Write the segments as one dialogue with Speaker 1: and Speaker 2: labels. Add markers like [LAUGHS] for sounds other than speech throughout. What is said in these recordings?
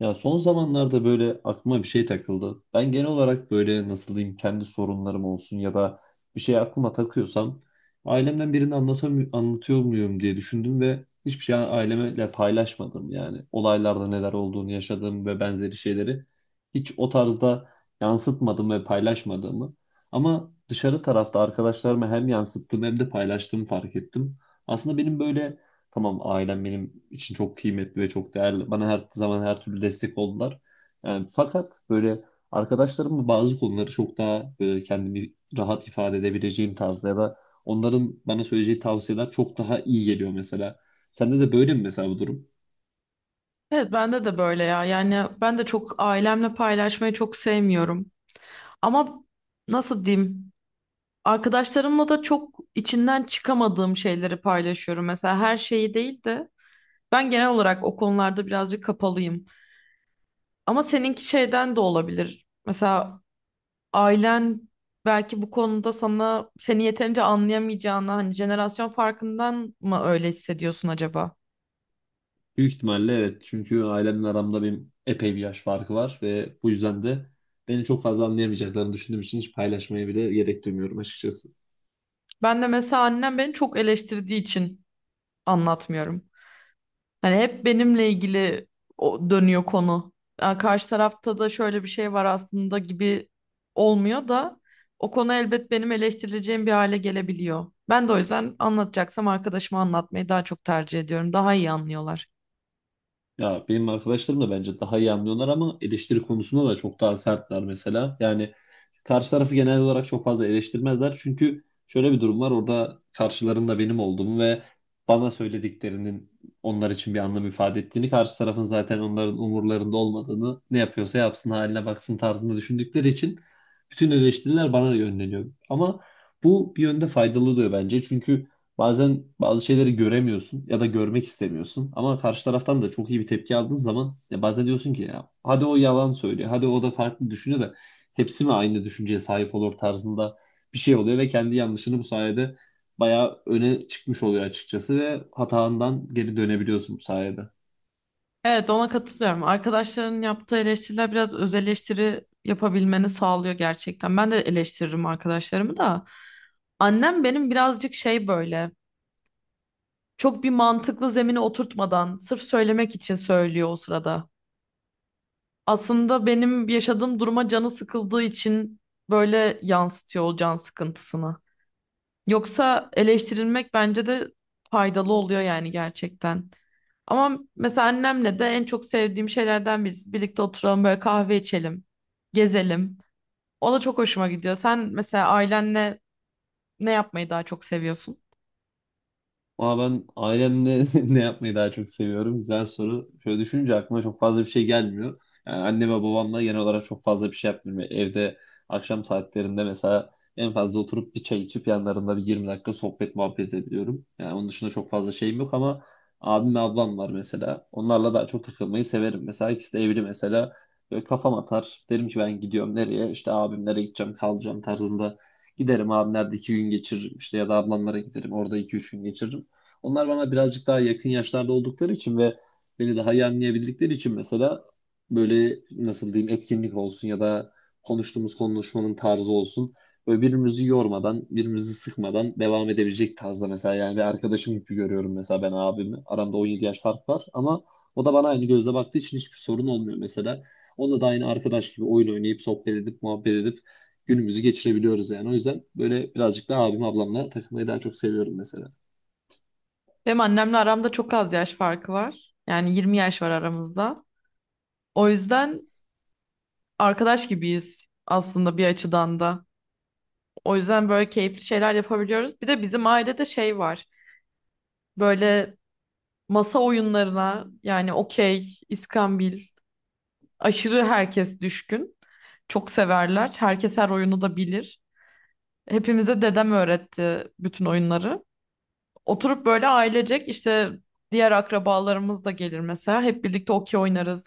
Speaker 1: Ya son zamanlarda böyle aklıma bir şey takıldı. Ben genel olarak böyle nasıl diyeyim kendi sorunlarım olsun ya da bir şey aklıma takıyorsam ailemden birini anlatıyor muyum diye düşündüm ve hiçbir şey ailemle paylaşmadım yani. Olaylarda neler olduğunu yaşadığım ve benzeri şeyleri hiç o tarzda yansıtmadım ve paylaşmadığımı. Ama dışarı tarafta arkadaşlarıma hem yansıttım hem de paylaştığımı fark ettim. Aslında benim böyle tamam, ailem benim için çok kıymetli ve çok değerli. Bana her zaman her türlü destek oldular. Yani fakat böyle arkadaşlarımla bazı konuları çok daha böyle kendimi rahat ifade edebileceğim tarzda ya da onların bana söyleyeceği tavsiyeler çok daha iyi geliyor mesela. Sende de böyle mi mesela bu durum?
Speaker 2: Evet, bende de böyle ya. Yani ben de çok ailemle paylaşmayı çok sevmiyorum. Ama nasıl diyeyim? Arkadaşlarımla da çok içinden çıkamadığım şeyleri paylaşıyorum. Mesela her şeyi değil de ben genel olarak o konularda birazcık kapalıyım. Ama seninki şeyden de olabilir. Mesela ailen belki bu konuda sana seni yeterince anlayamayacağını, hani jenerasyon farkından mı öyle hissediyorsun acaba?
Speaker 1: Büyük ihtimalle evet. Çünkü ailemle aramda benim epey bir yaş farkı var ve bu yüzden de beni çok fazla anlayamayacaklarını düşündüğüm için hiç paylaşmaya bile gerek duymuyorum açıkçası.
Speaker 2: Ben de mesela annem beni çok eleştirdiği için anlatmıyorum. Hani hep benimle ilgili o dönüyor konu. Yani karşı tarafta da şöyle bir şey var aslında, gibi olmuyor da o konu elbet benim eleştirileceğim bir hale gelebiliyor. Ben de o yüzden anlatacaksam arkadaşıma anlatmayı daha çok tercih ediyorum. Daha iyi anlıyorlar.
Speaker 1: Ya benim arkadaşlarım da bence daha iyi anlıyorlar ama eleştiri konusunda da çok daha sertler mesela. Yani karşı tarafı genel olarak çok fazla eleştirmezler. Çünkü şöyle bir durum var orada, karşılarında benim olduğumu ve bana söylediklerinin onlar için bir anlam ifade ettiğini, karşı tarafın zaten onların umurlarında olmadığını, ne yapıyorsa yapsın haline baksın tarzında düşündükleri için bütün eleştiriler bana yönleniyor. Ama bu bir yönde faydalı oluyor bence. Çünkü bazen bazı şeyleri göremiyorsun ya da görmek istemiyorsun. Ama karşı taraftan da çok iyi bir tepki aldığın zaman ya bazen diyorsun ki ya hadi o yalan söylüyor, hadi o da farklı düşünüyor da hepsi mi aynı düşünceye sahip olur tarzında bir şey oluyor ve kendi yanlışını bu sayede bayağı öne çıkmış oluyor açıkçası ve hatandan geri dönebiliyorsun bu sayede.
Speaker 2: Evet, ona katılıyorum. Arkadaşların yaptığı eleştiriler biraz öz eleştiri yapabilmeni sağlıyor gerçekten. Ben de eleştiririm arkadaşlarımı da. Annem benim birazcık şey böyle. Çok bir mantıklı zemine oturtmadan sırf söylemek için söylüyor o sırada. Aslında benim yaşadığım duruma canı sıkıldığı için böyle yansıtıyor o can sıkıntısını. Yoksa eleştirilmek bence de faydalı oluyor yani gerçekten. Ama mesela annemle de en çok sevdiğim şeylerden birisi. Birlikte oturalım böyle, kahve içelim, gezelim. O da çok hoşuma gidiyor. Sen mesela ailenle ne yapmayı daha çok seviyorsun?
Speaker 1: Ama ben ailemle [LAUGHS] ne yapmayı daha çok seviyorum? Güzel soru. Şöyle düşününce aklıma çok fazla bir şey gelmiyor. Yani anne ve babamla genel olarak çok fazla bir şey yapmıyorum. Yani evde akşam saatlerinde mesela en fazla oturup bir çay içip yanlarında bir 20 dakika sohbet muhabbet edebiliyorum. Yani onun dışında çok fazla şeyim yok ama abim ve ablam var mesela. Onlarla daha çok takılmayı severim. Mesela ikisi de evli mesela. Böyle kafam atar. Derim ki ben gidiyorum nereye? İşte abimlere gideceğim, kalacağım tarzında. Giderim abimlerde 2 gün geçiririm, işte ya da ablamlara giderim orada 2 3 gün geçiririm. Onlar bana birazcık daha yakın yaşlarda oldukları için ve beni daha iyi anlayabildikleri için mesela böyle nasıl diyeyim etkinlik olsun ya da konuştuğumuz konuşmanın tarzı olsun. Böyle birbirimizi yormadan, birbirimizi sıkmadan devam edebilecek tarzda mesela, yani bir arkadaşım gibi görüyorum mesela ben abimi. Aramda 17 yaş fark var ama o da bana aynı gözle baktığı için hiçbir sorun olmuyor mesela. Onunla da aynı arkadaş gibi oyun oynayıp sohbet edip muhabbet edip günümüzü geçirebiliyoruz yani. O yüzden böyle birazcık daha abim ablamla takılmayı daha çok seviyorum mesela.
Speaker 2: Benim annemle aramda çok az yaş farkı var. Yani 20 yaş var aramızda. O yüzden arkadaş gibiyiz aslında bir açıdan da. O yüzden böyle keyifli şeyler yapabiliyoruz. Bir de bizim ailede şey var. Böyle masa oyunlarına yani okey, iskambil aşırı herkes düşkün. Çok severler. Herkes her oyunu da bilir. Hepimize dedem öğretti bütün oyunları. Oturup böyle ailecek işte diğer akrabalarımız da gelir mesela. Hep birlikte okey oynarız,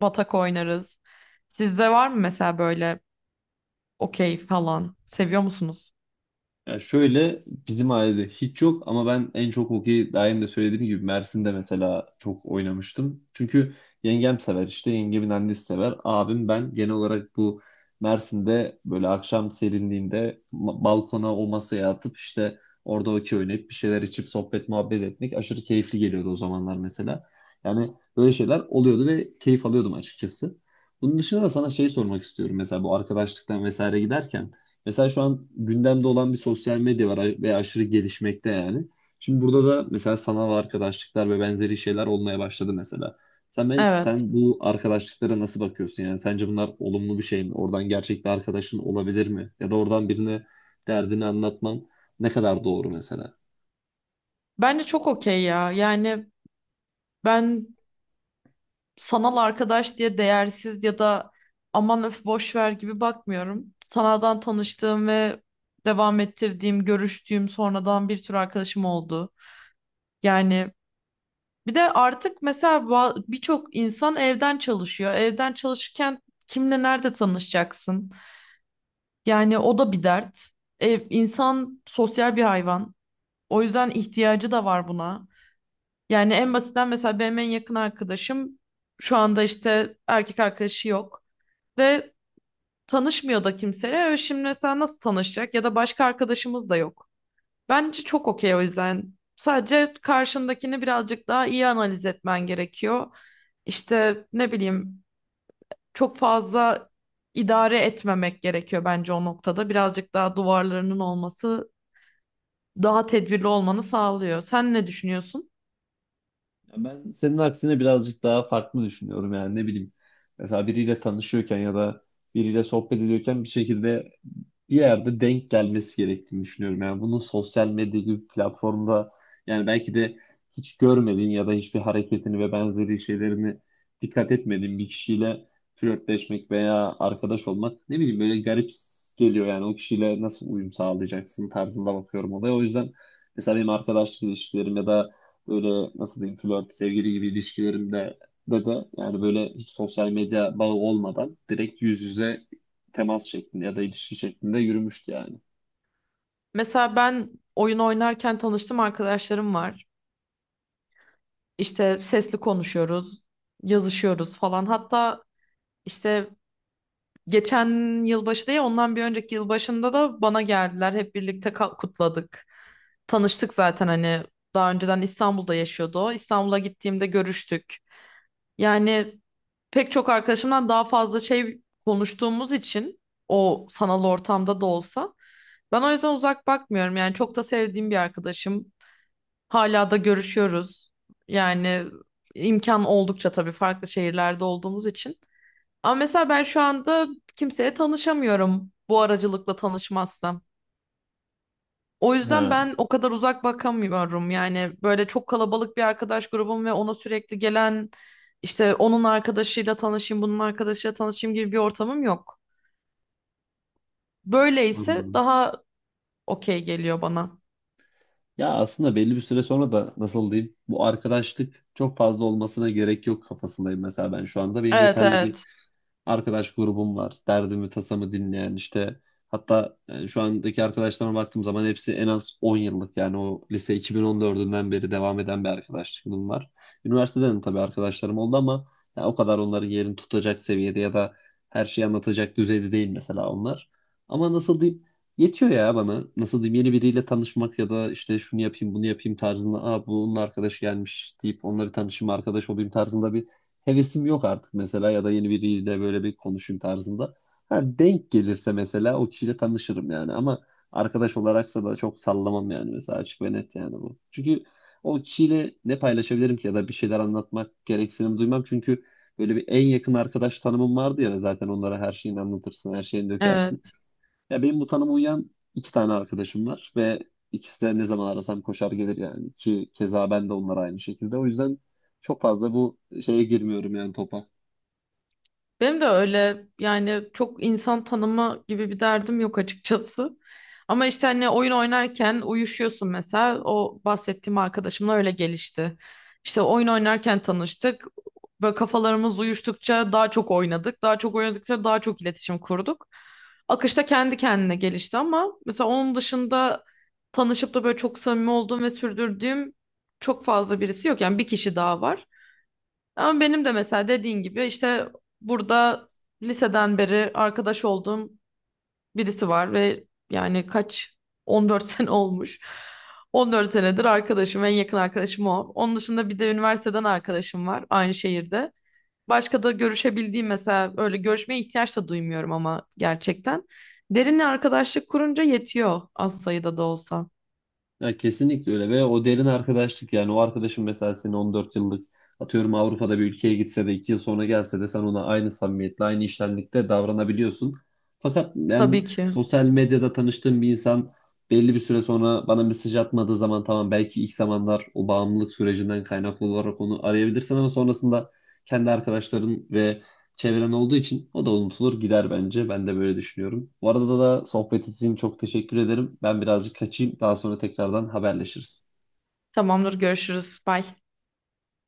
Speaker 2: batak oynarız. Sizde var mı mesela böyle okey falan. Seviyor musunuz?
Speaker 1: Ya şöyle bizim ailede hiç yok ama ben en çok hokeyi daha önce de söylediğim gibi Mersin'de mesela çok oynamıştım. Çünkü yengem sever, işte yengemin annesi sever. Abim ben genel olarak bu Mersin'de böyle akşam serinliğinde balkona o masaya atıp işte orada hokey oynayıp bir şeyler içip sohbet muhabbet etmek aşırı keyifli geliyordu o zamanlar mesela. Yani böyle şeyler oluyordu ve keyif alıyordum açıkçası. Bunun dışında da sana şey sormak istiyorum mesela bu arkadaşlıktan vesaire giderken. Mesela şu an gündemde olan bir sosyal medya var ve aşırı gelişmekte yani. Şimdi burada da mesela sanal arkadaşlıklar ve benzeri şeyler olmaya başladı mesela. Sen, ben,
Speaker 2: Evet.
Speaker 1: sen bu arkadaşlıklara nasıl bakıyorsun yani? Sence bunlar olumlu bir şey mi? Oradan gerçek bir arkadaşın olabilir mi? Ya da oradan birine derdini anlatman ne kadar doğru mesela?
Speaker 2: Bence çok okey ya. Yani ben sanal arkadaş diye değersiz ya da aman, öf, boş ver gibi bakmıyorum. Sanaldan tanıştığım ve devam ettirdiğim, görüştüğüm sonradan bir sürü arkadaşım oldu. Yani bir de artık mesela birçok insan evden çalışıyor. Evden çalışırken kimle nerede tanışacaksın? Yani o da bir dert. Ev, insan sosyal bir hayvan. O yüzden ihtiyacı da var buna. Yani en basitten mesela benim en yakın arkadaşım şu anda işte erkek arkadaşı yok ve tanışmıyor da kimseyle. Ve şimdi mesela nasıl tanışacak ya da başka arkadaşımız da yok. Bence çok okey o yüzden. Sadece karşındakini birazcık daha iyi analiz etmen gerekiyor. İşte ne bileyim, çok fazla idare etmemek gerekiyor bence o noktada. Birazcık daha duvarlarının olması daha tedbirli olmanı sağlıyor. Sen ne düşünüyorsun?
Speaker 1: Ya ben senin aksine birazcık daha farklı düşünüyorum yani, ne bileyim. Mesela biriyle tanışıyorken ya da biriyle sohbet ediyorken bir şekilde bir yerde denk gelmesi gerektiğini düşünüyorum. Yani bunun sosyal medya gibi bir platformda, yani belki de hiç görmediğin ya da hiçbir hareketini ve benzeri şeylerini dikkat etmediğin bir kişiyle flörtleşmek veya arkadaş olmak ne bileyim böyle garip geliyor yani, o kişiyle nasıl uyum sağlayacaksın tarzında bakıyorum olaya. O yüzden mesela benim arkadaşlık ilişkilerim ya da böyle nasıl diyeyim flört, sevgili gibi ilişkilerimde de yani böyle hiç sosyal medya bağı olmadan direkt yüz yüze temas şeklinde ya da ilişki şeklinde yürümüştü yani.
Speaker 2: Mesela ben oyun oynarken tanıştığım arkadaşlarım var. İşte sesli konuşuyoruz, yazışıyoruz falan. Hatta işte geçen yılbaşı değil, ondan bir önceki yılbaşında da bana geldiler. Hep birlikte kutladık. Tanıştık zaten, hani daha önceden İstanbul'da yaşıyordu o. İstanbul'a gittiğimde görüştük. Yani pek çok arkadaşımdan daha fazla şey konuştuğumuz için o sanal ortamda da olsa ben o yüzden uzak bakmıyorum. Yani çok da sevdiğim bir arkadaşım. Hala da görüşüyoruz. Yani imkan oldukça tabii, farklı şehirlerde olduğumuz için. Ama mesela ben şu anda kimseye tanışamıyorum bu aracılıkla tanışmazsam. O yüzden
Speaker 1: Ha,
Speaker 2: ben o kadar uzak bakamıyorum. Yani böyle çok kalabalık bir arkadaş grubum ve ona sürekli gelen işte onun arkadaşıyla tanışayım, bunun arkadaşıyla tanışayım gibi bir ortamım yok. Böyleyse
Speaker 1: anladım.
Speaker 2: daha okey geliyor bana.
Speaker 1: Ya aslında belli bir süre sonra da nasıl diyeyim bu arkadaşlık çok fazla olmasına gerek yok kafasındayım mesela, ben şu anda benim
Speaker 2: Evet,
Speaker 1: yeterli bir
Speaker 2: evet.
Speaker 1: arkadaş grubum var. Derdimi, tasamı dinleyen, işte hatta şu andaki arkadaşlarıma baktığım zaman hepsi en az 10 yıllık, yani o lise 2014'ünden beri devam eden bir arkadaşlığım var. Üniversiteden de tabii arkadaşlarım oldu ama ya o kadar onların yerini tutacak seviyede ya da her şeyi anlatacak düzeyde değil mesela onlar. Ama nasıl diyeyim yetiyor ya bana. Nasıl diyeyim yeni biriyle tanışmak ya da işte şunu yapayım bunu yapayım tarzında. Aa bunun arkadaşı gelmiş deyip onunla bir tanışayım arkadaş olayım tarzında bir hevesim yok artık mesela, ya da yeni biriyle böyle bir konuşayım tarzında. Ha, denk gelirse mesela o kişiyle tanışırım yani ama arkadaş olaraksa da çok sallamam yani mesela, açık ve net yani bu. Çünkü o kişiyle ne paylaşabilirim ki ya da bir şeyler anlatmak gereksinim duymam çünkü böyle bir en yakın arkadaş tanımım vardı ya, zaten onlara her şeyini anlatırsın, her şeyini dökersin.
Speaker 2: Evet.
Speaker 1: Ya benim bu tanıma uyan iki tane arkadaşım var ve ikisi de ne zaman arasam koşar gelir yani, ki keza ben de onlar aynı şekilde. O yüzden çok fazla bu şeye girmiyorum yani, topa.
Speaker 2: Benim de öyle, yani çok insan tanıma gibi bir derdim yok açıkçası. Ama işte hani oyun oynarken uyuşuyorsun mesela. O bahsettiğim arkadaşımla öyle gelişti. İşte oyun oynarken tanıştık. Böyle kafalarımız uyuştukça daha çok oynadık. Daha çok oynadıkça daha çok iletişim kurduk. Akışta kendi kendine gelişti, ama mesela onun dışında tanışıp da böyle çok samimi olduğum ve sürdürdüğüm çok fazla birisi yok. Yani bir kişi daha var. Ama benim de mesela dediğin gibi işte burada liseden beri arkadaş olduğum birisi var ve, yani kaç, 14 [LAUGHS] sene olmuş. 14 senedir arkadaşım, en yakın arkadaşım o. Onun dışında bir de üniversiteden arkadaşım var aynı şehirde. Başka da görüşebildiğim, mesela öyle görüşmeye ihtiyaç da duymuyorum ama gerçekten. Derinle arkadaşlık kurunca yetiyor az sayıda da olsa.
Speaker 1: Ya kesinlikle öyle ve o derin arkadaşlık, yani o arkadaşın mesela senin 14 yıllık atıyorum Avrupa'da bir ülkeye gitse de 2 yıl sonra gelse de sen ona aynı samimiyetle aynı iştenlikte davranabiliyorsun. Fakat
Speaker 2: Tabii
Speaker 1: ben
Speaker 2: ki.
Speaker 1: sosyal medyada tanıştığım bir insan belli bir süre sonra bana mesaj atmadığı zaman tamam, belki ilk zamanlar o bağımlılık sürecinden kaynaklı olarak onu arayabilirsin ama sonrasında kendi arkadaşların ve çevren olduğu için o da unutulur gider bence. Ben de böyle düşünüyorum. Bu arada da sohbet için çok teşekkür ederim. Ben birazcık kaçayım. Daha sonra tekrardan haberleşiriz.
Speaker 2: Tamamdır, görüşürüz. Bye.